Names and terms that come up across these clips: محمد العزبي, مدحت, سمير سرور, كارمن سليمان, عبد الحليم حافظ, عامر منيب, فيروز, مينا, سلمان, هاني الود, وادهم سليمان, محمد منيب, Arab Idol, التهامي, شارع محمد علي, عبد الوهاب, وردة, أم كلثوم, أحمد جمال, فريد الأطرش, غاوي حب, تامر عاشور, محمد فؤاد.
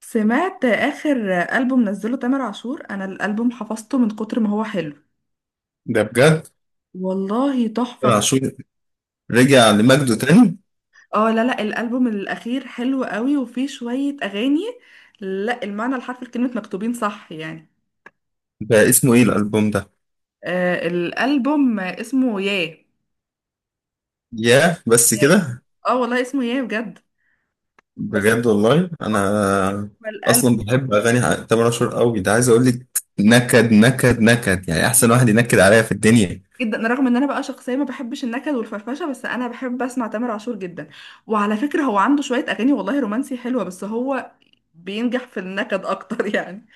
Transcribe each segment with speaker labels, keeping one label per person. Speaker 1: سمعت آخر ألبوم نزله تامر عاشور، أنا الألبوم حفظته من كتر ما هو حلو.
Speaker 2: ده بجد.
Speaker 1: والله
Speaker 2: تامر
Speaker 1: تحفة.
Speaker 2: عاشور، رجع لمجده تاني.
Speaker 1: اه، لا، لا، الألبوم الأخير حلو قوي وفيه شوية أغاني. لا، المعنى الحرفي لكلمة مكتوبين صح يعني.
Speaker 2: ده اسمه ايه الالبوم ده؟
Speaker 1: آه، الألبوم اسمه ياه.
Speaker 2: ياه بس
Speaker 1: ياه.
Speaker 2: كده؟
Speaker 1: اه، والله اسمه ياه بجد. بس.
Speaker 2: بجد والله
Speaker 1: اه.
Speaker 2: انا. اصلا
Speaker 1: الألبوم.
Speaker 2: بحب اغاني تامر عاشور قوي ده، عايز اقول لك. نكد نكد نكد، يعني
Speaker 1: جدا،
Speaker 2: احسن واحد ينكد عليا في الدنيا.
Speaker 1: جدا، أنا رغم ان انا بقى شخصيه ما بحبش النكد والفرفشه، بس انا بحب اسمع تامر عاشور جدا. وعلى فكره هو عنده شويه اغاني والله رومانسي حلوه، بس هو بينجح في النكد اكتر يعني.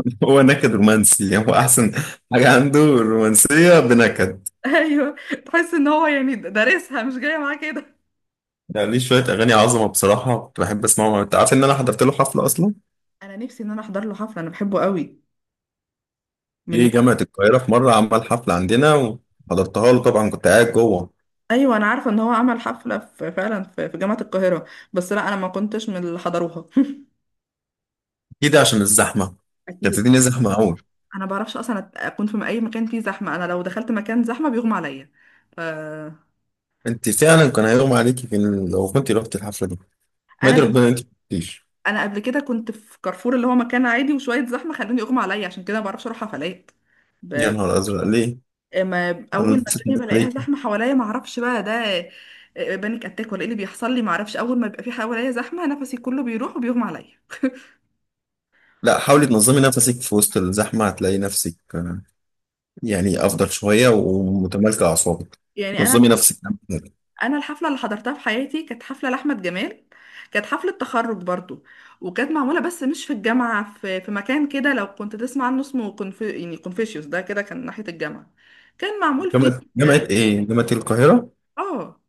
Speaker 2: هو نكد رومانسي، يعني هو احسن حاجه عنده الرومانسيه بنكد.
Speaker 1: ايوه، تحس ان هو يعني دارسها مش جايه معاه كده.
Speaker 2: يعني ليه شويه اغاني عظمه بصراحه، كنت بحب اسمعهم. انت عارف ان انا حضرت له حفله اصلا؟
Speaker 1: انا نفسي ان انا احضر له حفله، انا بحبه قوي. من.
Speaker 2: في جامعه القاهره في مره عمل حفله عندنا، وحضرتها له طبعا، كنت قاعد جوه
Speaker 1: ايوه، انا عارفه ان هو عمل حفله، في، فعلا، في جامعه القاهره. بس لا، انا ما كنتش من اللي حضروها.
Speaker 2: كده عشان الزحمة. كانت
Speaker 1: اكيد.
Speaker 2: الدنيا زحمة أوي.
Speaker 1: انا ما بعرفش اصلا اكون في اي مكان فيه زحمه. انا لو دخلت مكان زحمه بيغمى عليا. ف.
Speaker 2: أنت فعلا كان هيغمى عليكي لو كنت رحت الحفلة دي. ما أدري،
Speaker 1: انا
Speaker 2: ربنا أنت ما كنتيش.
Speaker 1: انا قبل كده كنت في كارفور اللي هو مكان عادي، وشويه زحمه خلوني اغمى عليا، عشان كده ما بعرفش اروح حفلات.
Speaker 2: يا
Speaker 1: ب...
Speaker 2: نهار أزرق، ليه؟
Speaker 1: ما
Speaker 2: أنا
Speaker 1: اول ما
Speaker 2: نسيت
Speaker 1: الدنيا
Speaker 2: أقول
Speaker 1: بلاقيها
Speaker 2: عليك.
Speaker 1: زحمه حواليا ما اعرفش بقى ده. بانيك اتاك ولا ايه اللي بيحصل لي، ما اعرفش. اول ما بيبقى في حواليا زحمه نفسي كله بيروح وبيغمى عليا.
Speaker 2: لا حاولي تنظمي نفسك في وسط الزحمة، هتلاقي نفسك يعني أفضل شوية ومتمالكة أعصابك.
Speaker 1: يعني انا.
Speaker 2: نظمي نفسك.
Speaker 1: انا الحفله اللي حضرتها في حياتي كانت حفله لاحمد جمال. كانت حفله تخرج برضو. وكانت معموله بس مش في الجامعه، في مكان كده لو كنت تسمع عنه اسمه يعني كونفوشيوس. ده كده كان ناحيه الجامعه. كان معمول فيه.
Speaker 2: جامعة إيه؟ جامعة القاهرة.
Speaker 1: اه. آه.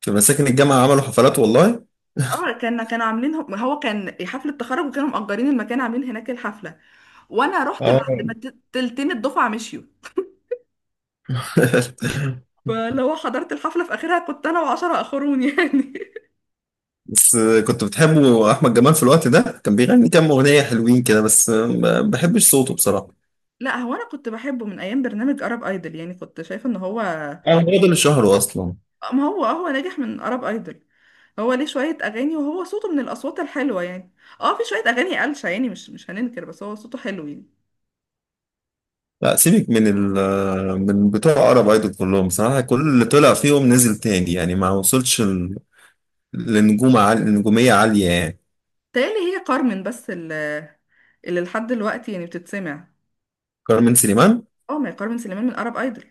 Speaker 2: في مساكن الجامعة عملوا حفلات والله.
Speaker 1: اه، كانوا عاملين، هو كان حفلة تخرج وكانوا مأجرين المكان، عاملين هناك الحفلة. وانا رحت بعد
Speaker 2: اه.
Speaker 1: ما تلتين الدفعة مشيوا. فلو حضرت الحفلة في اخرها كنت انا وعشرة اخرون يعني.
Speaker 2: بس كنت بتحبه احمد جمال في الوقت ده؟ كان بيغني كام اغنيه حلوين كده بس ما بحبش صوته بصراحه.
Speaker 1: لا هو، انا كنت بحبه من ايام برنامج ارب ايدل، يعني كنت شايفة ان هو.
Speaker 2: اه، هو ده اللي شهره اصلا.
Speaker 1: ما هو، هو ناجح من ارب ايدل. هو ليه شوية اغاني وهو صوته من الاصوات الحلوة يعني. اه، في شوية اغاني قلشة يعني مش هننكر، بس هو صوته حلو يعني.
Speaker 2: لا سيبك من من بتوع عرب ايدول كلهم بصراحه، كل اللي طلع فيهم نزل تاني، يعني ما وصلش لنجوم عالية، نجوميه عاليه يعني.
Speaker 1: تالي هي كارمن، بس اللي لحد دلوقتي يعني بتتسمع.
Speaker 2: كارمن سليمان.
Speaker 1: اه، ما هي كارمن سليمان من ارب ايدل.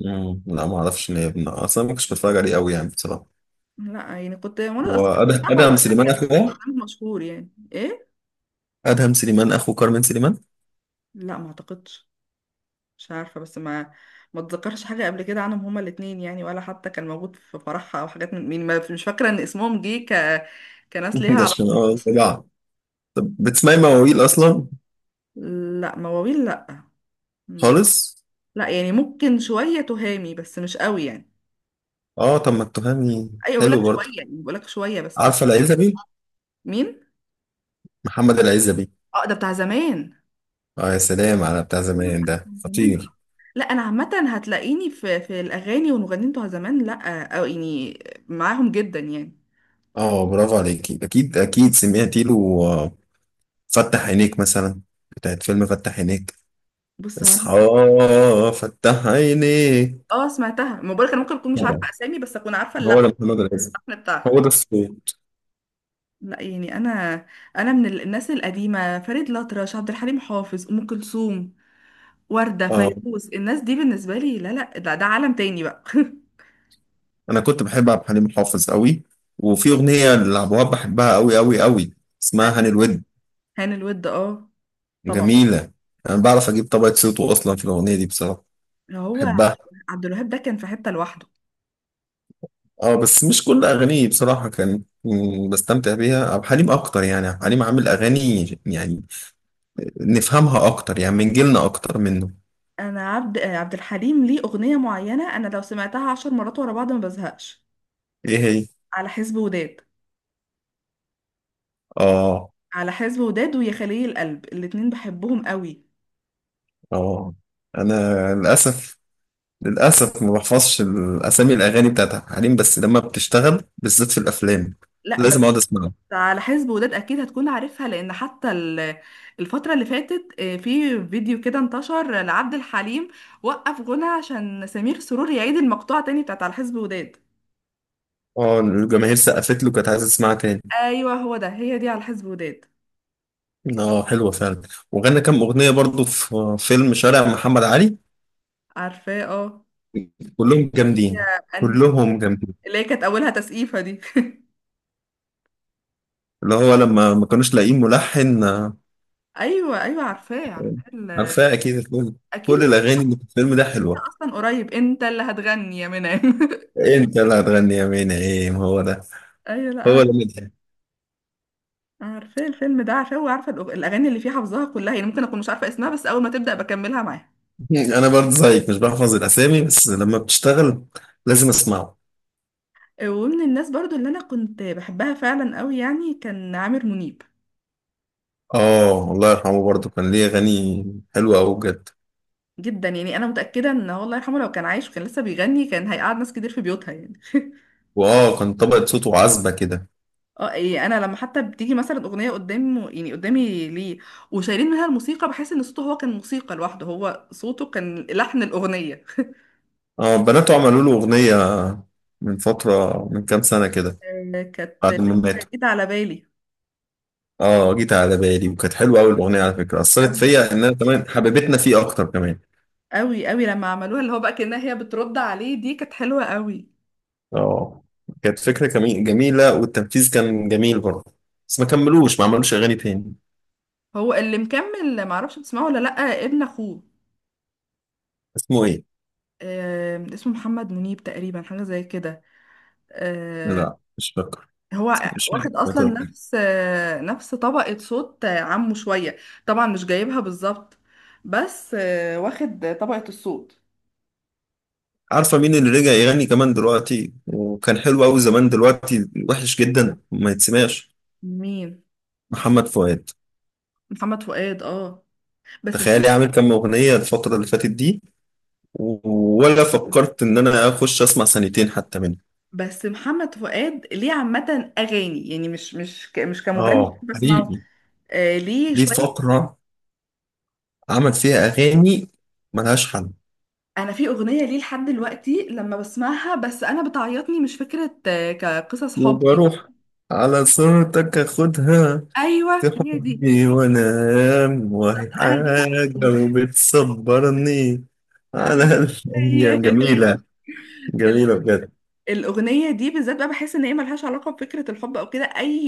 Speaker 2: مم، لا ما اعرفش ان هي ابن اصلا، ما كنتش بتفرج عليه قوي يعني بصراحه.
Speaker 1: لا يعني كنت، وانا اصلا كنت بتابعه
Speaker 2: وادهم
Speaker 1: وقتها،
Speaker 2: سليمان
Speaker 1: كان
Speaker 2: اخوه،
Speaker 1: برنامج مشهور يعني ايه.
Speaker 2: ادهم سليمان اخو كارمن سليمان.
Speaker 1: لا، ما اعتقدش. مش عارفه، بس ما اتذكرش حاجه قبل كده عنهم هما الاثنين يعني، ولا حتى كان موجود في فرحها او حاجات من مين. مش فاكره ان اسمهم جه كناس ليها
Speaker 2: ده
Speaker 1: علاقه
Speaker 2: عشان
Speaker 1: بالرقص.
Speaker 2: طلع. طب، بتسمعي مواويل اصلا؟
Speaker 1: لا، مواويل لا. ما.
Speaker 2: خالص.
Speaker 1: لا يعني ممكن شويه تهامي بس مش قوي يعني.
Speaker 2: اه، طب ما التهامي
Speaker 1: ايوه، بقول لك
Speaker 2: حلو برضه.
Speaker 1: شويه يعني، بقول لك شويه بس.
Speaker 2: عارفه العزبي؟
Speaker 1: مين؟
Speaker 2: محمد العزبي.
Speaker 1: اه، ده بتاع زمان.
Speaker 2: اه، يا سلام على بتاع
Speaker 1: أيوة،
Speaker 2: زمان،
Speaker 1: لا، بتاع
Speaker 2: ده
Speaker 1: زمان.
Speaker 2: خطير.
Speaker 1: لا انا عامه هتلاقيني في الاغاني والمغنيين بتوع زمان، لا او يعني معاهم جدا يعني.
Speaker 2: اه، برافو عليكي، اكيد اكيد سمعتي له آه، فتح عينيك مثلا، بتاعت فيلم فتح عينيك،
Speaker 1: بص هو انا.
Speaker 2: اصحى، فتح عينيك.
Speaker 1: اه سمعتها، ما بقولك انا ممكن اكون مش
Speaker 2: طبعا،
Speaker 1: عارفه اسامي بس اكون عارفه
Speaker 2: هو
Speaker 1: اللحن.
Speaker 2: ده محمد العزيز،
Speaker 1: اللحن بتاعها.
Speaker 2: هو ده الصوت.
Speaker 1: لا يعني انا. انا من الناس القديمه، فريد الأطرش، عبد الحليم حافظ، ام كلثوم، ورده،
Speaker 2: اه،
Speaker 1: فيروز، الناس دي بالنسبه لي، لا، لا، ده عالم تاني بقى.
Speaker 2: انا كنت بحب عبد الحليم حافظ قوي. وفي اغنيه لعبد الوهاب بحبها قوي قوي قوي، اسمها هاني الود.
Speaker 1: هاني الود، اه. طبعا.
Speaker 2: جميله، انا بعرف اجيب طبقه صوته اصلا في الاغنيه دي بصراحه،
Speaker 1: اللي هو
Speaker 2: بحبها.
Speaker 1: عبد الوهاب ده كان في حته لوحده.
Speaker 2: اه، بس مش كل اغانيه بصراحه كان، بستمتع بيها عبد الحليم اكتر. يعني عبد الحليم عامل اغاني يعني نفهمها اكتر، يعني من جيلنا اكتر منه.
Speaker 1: انا عبد الحليم ليه اغنيه معينه، انا لو سمعتها 10 مرات ورا بعض ما بزهقش.
Speaker 2: ايه هي؟
Speaker 1: على حزب وداد.
Speaker 2: اه،
Speaker 1: على حزب وداد ويا خليل القلب، الاتنين بحبهم قوي.
Speaker 2: اه، انا للاسف للاسف ما بحفظش الاسامي الاغاني بتاعت عبد الحليم، بس لما بتشتغل بالذات في الافلام
Speaker 1: لا بس.
Speaker 2: لازم اقعد اسمعها.
Speaker 1: على حزب وداد اكيد هتكون عارفها، لان حتى الفتره اللي فاتت في فيديو كده انتشر لعبد الحليم، وقف غنى عشان سمير سرور يعيد المقطوعه تاني بتاعت على حزب وداد.
Speaker 2: اه، الجماهير سقفت له، كانت عايزه تسمعها تاني.
Speaker 1: ايوه، هو ده، هي دي على حزب وداد.
Speaker 2: اه، حلوه فعلا. وغنى كام اغنيه برضو في فيلم شارع محمد علي،
Speaker 1: عارفاه، اه.
Speaker 2: كلهم جامدين،
Speaker 1: هي انهي؟
Speaker 2: كلهم جامدين.
Speaker 1: اللي هي كانت اولها تسقيفه دي.
Speaker 2: اللي هو لما ما كانوش لاقيين ملحن
Speaker 1: ايوه، ايوه، عارفاه، عارفاه.
Speaker 2: عارفاه اكيد الفيلم،
Speaker 1: اكيد
Speaker 2: كل
Speaker 1: لسه
Speaker 2: الاغاني
Speaker 1: شايفاها.
Speaker 2: اللي في الفيلم ده
Speaker 1: لسه شايفاها
Speaker 2: حلوه.
Speaker 1: اصلا قريب. انت اللي هتغني يا منى.
Speaker 2: انت اللي هتغني يا مينا ايه؟ ما هو ده،
Speaker 1: ايوه، لا،
Speaker 2: هو ده مدحت.
Speaker 1: عارفاه الفيلم ده، عارفاه، وعارفه الاغاني اللي فيه حافظاها كلها، يعني ممكن اكون مش عارفه اسمها بس اول ما تبدا بكملها معاها.
Speaker 2: انا برضه زيك مش بحفظ الاسامي، بس لما بتشتغل لازم اسمعه.
Speaker 1: ومن الناس برضو اللي انا كنت بحبها فعلا قوي يعني كان عامر منيب.
Speaker 2: اه، الله يرحمه برضه، كان ليه اغاني حلوه قوي بجد.
Speaker 1: جدا يعني، انا متاكده ان هو الله يرحمه لو كان عايش وكان لسه بيغني كان هيقعد ناس كتير في بيوتها يعني.
Speaker 2: واه، كان طبقه صوته عذبه كده.
Speaker 1: اه، إيه، انا لما حتى بتيجي مثلا اغنيه قدامه، يعني قدامي ليه، وشايلين منها الموسيقى، بحس ان صوته هو كان موسيقى لوحده، هو صوته كان لحن الاغنيه.
Speaker 2: اه، بناته عملوا له اغنيه من فتره، من كام سنه كده،
Speaker 1: كانت
Speaker 2: بعد
Speaker 1: لسه
Speaker 2: ما ماتوا.
Speaker 1: جديدة على بالي.
Speaker 2: اه، جيت على بالي، وكانت حلوه قوي الاغنيه على فكره، اثرت
Speaker 1: أوي،
Speaker 2: فيا ان انا كمان حبيبتنا فيه اكتر كمان.
Speaker 1: أوي، أوي لما عملوها اللي هو بقى كأنها هي بترد عليه، دي كانت حلوة أوي.
Speaker 2: اه، كانت فكره جميله، والتنفيذ كان جميل برضه. بس ما كملوش، ما عملوش اغاني تاني.
Speaker 1: هو اللي مكمل معرفش بتسمعه ولا لأ، ابن أخوه.
Speaker 2: اسمه ايه؟
Speaker 1: اسمه محمد منيب تقريبا، حاجة زي كده. آه،
Speaker 2: لا، مش فاكر،
Speaker 1: هو
Speaker 2: مش
Speaker 1: واخد أصلا
Speaker 2: فاكر.
Speaker 1: نفس، نفس طبقة صوت عمه شوية. طبعا مش جايبها بالظبط، بس واخد طبقة الصوت.
Speaker 2: عارفة مين اللي رجع يغني كمان دلوقتي وكان حلو أوي زمان؟ دلوقتي وحش جدا ما يتسمعش.
Speaker 1: مين؟
Speaker 2: محمد فؤاد.
Speaker 1: محمد فؤاد. اه، بس.
Speaker 2: تخيلي عامل كام أغنية الفترة اللي فاتت دي؟ ولا فكرت إن أنا أخش أسمع سنتين حتى منه.
Speaker 1: بس محمد فؤاد ليه عامة أغاني يعني مش كمغني
Speaker 2: اه،
Speaker 1: بسمعه.
Speaker 2: حقيقي.
Speaker 1: آه، ليه
Speaker 2: ليه
Speaker 1: شوية.
Speaker 2: فقرة عمل فيها أغاني ملهاش حل.
Speaker 1: أنا في أغنية ليه لحد دلوقتي لما بسمعها، بس أنا بتعيطني، مش فكرة كقصص حب.
Speaker 2: وبروح، على صورتك أخدها،
Speaker 1: أيوه، هي دي.
Speaker 2: تحبني وانا، ايام
Speaker 1: بالظبط،
Speaker 2: وهي
Speaker 1: أنا دي بحس
Speaker 2: حاجة،
Speaker 1: بحس
Speaker 2: وبتصبرني
Speaker 1: آه،
Speaker 2: على
Speaker 1: هي.
Speaker 2: الايام جميلة.
Speaker 1: ال-
Speaker 2: جميلة بجد.
Speaker 1: الأغنية دي بالذات بقى بحس إن هي ملهاش علاقة بفكرة الحب أو كده، أي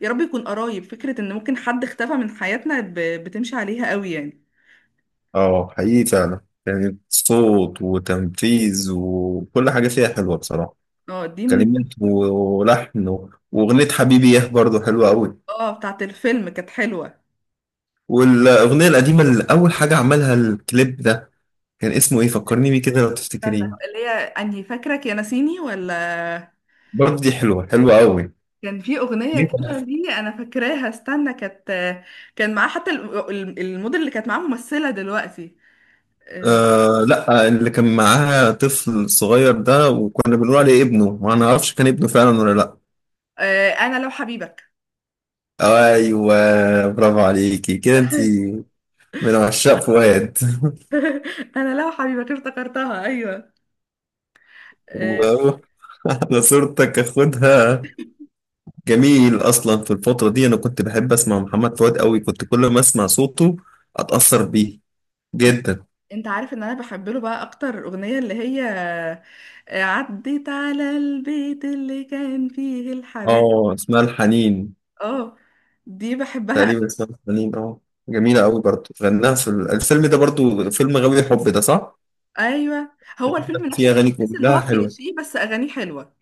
Speaker 1: يا رب يكون قرايب فكرة، إن ممكن حد اختفى من حياتنا، بتمشي عليها قوي يعني.
Speaker 2: اه، حقيقي فعلا، كانت صوت وتنفيذ وكل حاجة فيها حلوة بصراحة.
Speaker 1: اه، دي من.
Speaker 2: كلمات ولحن واغنية حبيبي ياه برضه حلوة قوي.
Speaker 1: اه، بتاعت الفيلم كانت حلوة.
Speaker 2: والاغنية القديمة اللي اول حاجة عملها الكليب ده كان اسمه ايه؟ فكرني بيه كده لو
Speaker 1: استنى،
Speaker 2: تفتكرين.
Speaker 1: اللي هي انهي؟ فاكرك يا ناسيني ولا؟
Speaker 2: برضه دي حلوة حلوة قوي.
Speaker 1: كان في اغنيه كده دي انا فاكراها، استنى، كانت، كان معاه حتى الموديل اللي كانت معاه، ممثله دلوقتي. آه،
Speaker 2: آه، لا، اللي كان معاها طفل صغير ده وكنا بنقول عليه ابنه، وانا ما اعرفش كان ابنه فعلا ولا لا.
Speaker 1: انا لو حبيبك.
Speaker 2: ايوه، برافو عليكي كده، انت من عشاق فؤاد.
Speaker 1: انا لو حبيبك افتكرتها، ايوه. آه،
Speaker 2: و- انا صورتك اخدها. جميل، اصلا في الفتره دي انا كنت بحب اسمع محمد فؤاد قوي، كنت كل ما اسمع صوته اتاثر بيه
Speaker 1: بت-
Speaker 2: جدا.
Speaker 1: انت عارف ان انا بحب له بقى اكتر اغنيه اللي هي عديت على البيت اللي كان فيه الحباب.
Speaker 2: اه، اسمها الحنين.
Speaker 1: اه، دي بحبها.
Speaker 2: تقريبا اسمها الحنين اه. جميله قوي برضه، غناها في الفيلم ده برضه، فيلم غاوي حب ده صح؟
Speaker 1: ايوه، هو الفيلم نفسه
Speaker 2: في اغاني
Speaker 1: تحس ان
Speaker 2: كلها
Speaker 1: هو
Speaker 2: حلوه.
Speaker 1: كليشيه، بس اغانيه حلوه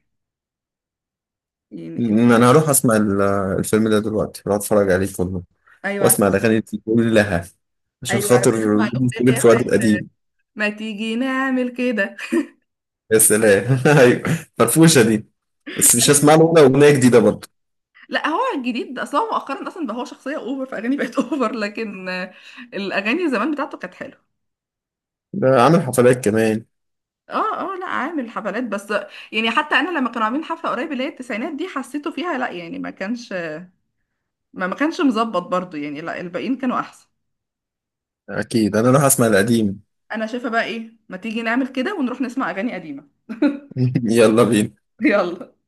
Speaker 1: يعني.
Speaker 2: انا هروح اسمع الفيلم ده دلوقتي، هروح اتفرج عليه كله
Speaker 1: ايوه
Speaker 2: واسمع
Speaker 1: عشان.
Speaker 2: الاغاني دي كلها، عشان
Speaker 1: ايوه عشان
Speaker 2: خاطر
Speaker 1: نسمع الاغنيه
Speaker 2: نجيب
Speaker 1: اللي هي
Speaker 2: فؤاد
Speaker 1: بتاعت.
Speaker 2: القديم.
Speaker 1: ما تيجي نعمل كده.
Speaker 2: يا سلام! ايوه، فرفوشه دي، بس مش
Speaker 1: أيوة.
Speaker 2: هسمع له ولا اغنيه جديده برضه.
Speaker 1: لا هو الجديد اصلا، هو مؤخرا اصلا بقى هو شخصيه اوفر، فاغاني بقت اوفر، لكن الاغاني زمان بتاعته كانت حلوه.
Speaker 2: ده عامل حفلات كمان.
Speaker 1: اه، اه، لا، عامل حفلات بس. يعني حتى انا لما كانوا عاملين حفله قريب اللي هي التسعينات دي حسيته فيها لا يعني، ما كانش، ما كانش مظبط برضو يعني، لا الباقيين كانوا احسن.
Speaker 2: اكيد، انا راح اسمع القديم.
Speaker 1: انا شايفه بقى ايه، ما تيجي نعمل كده ونروح نسمع اغاني قديمه.
Speaker 2: يلا بينا.
Speaker 1: يلا.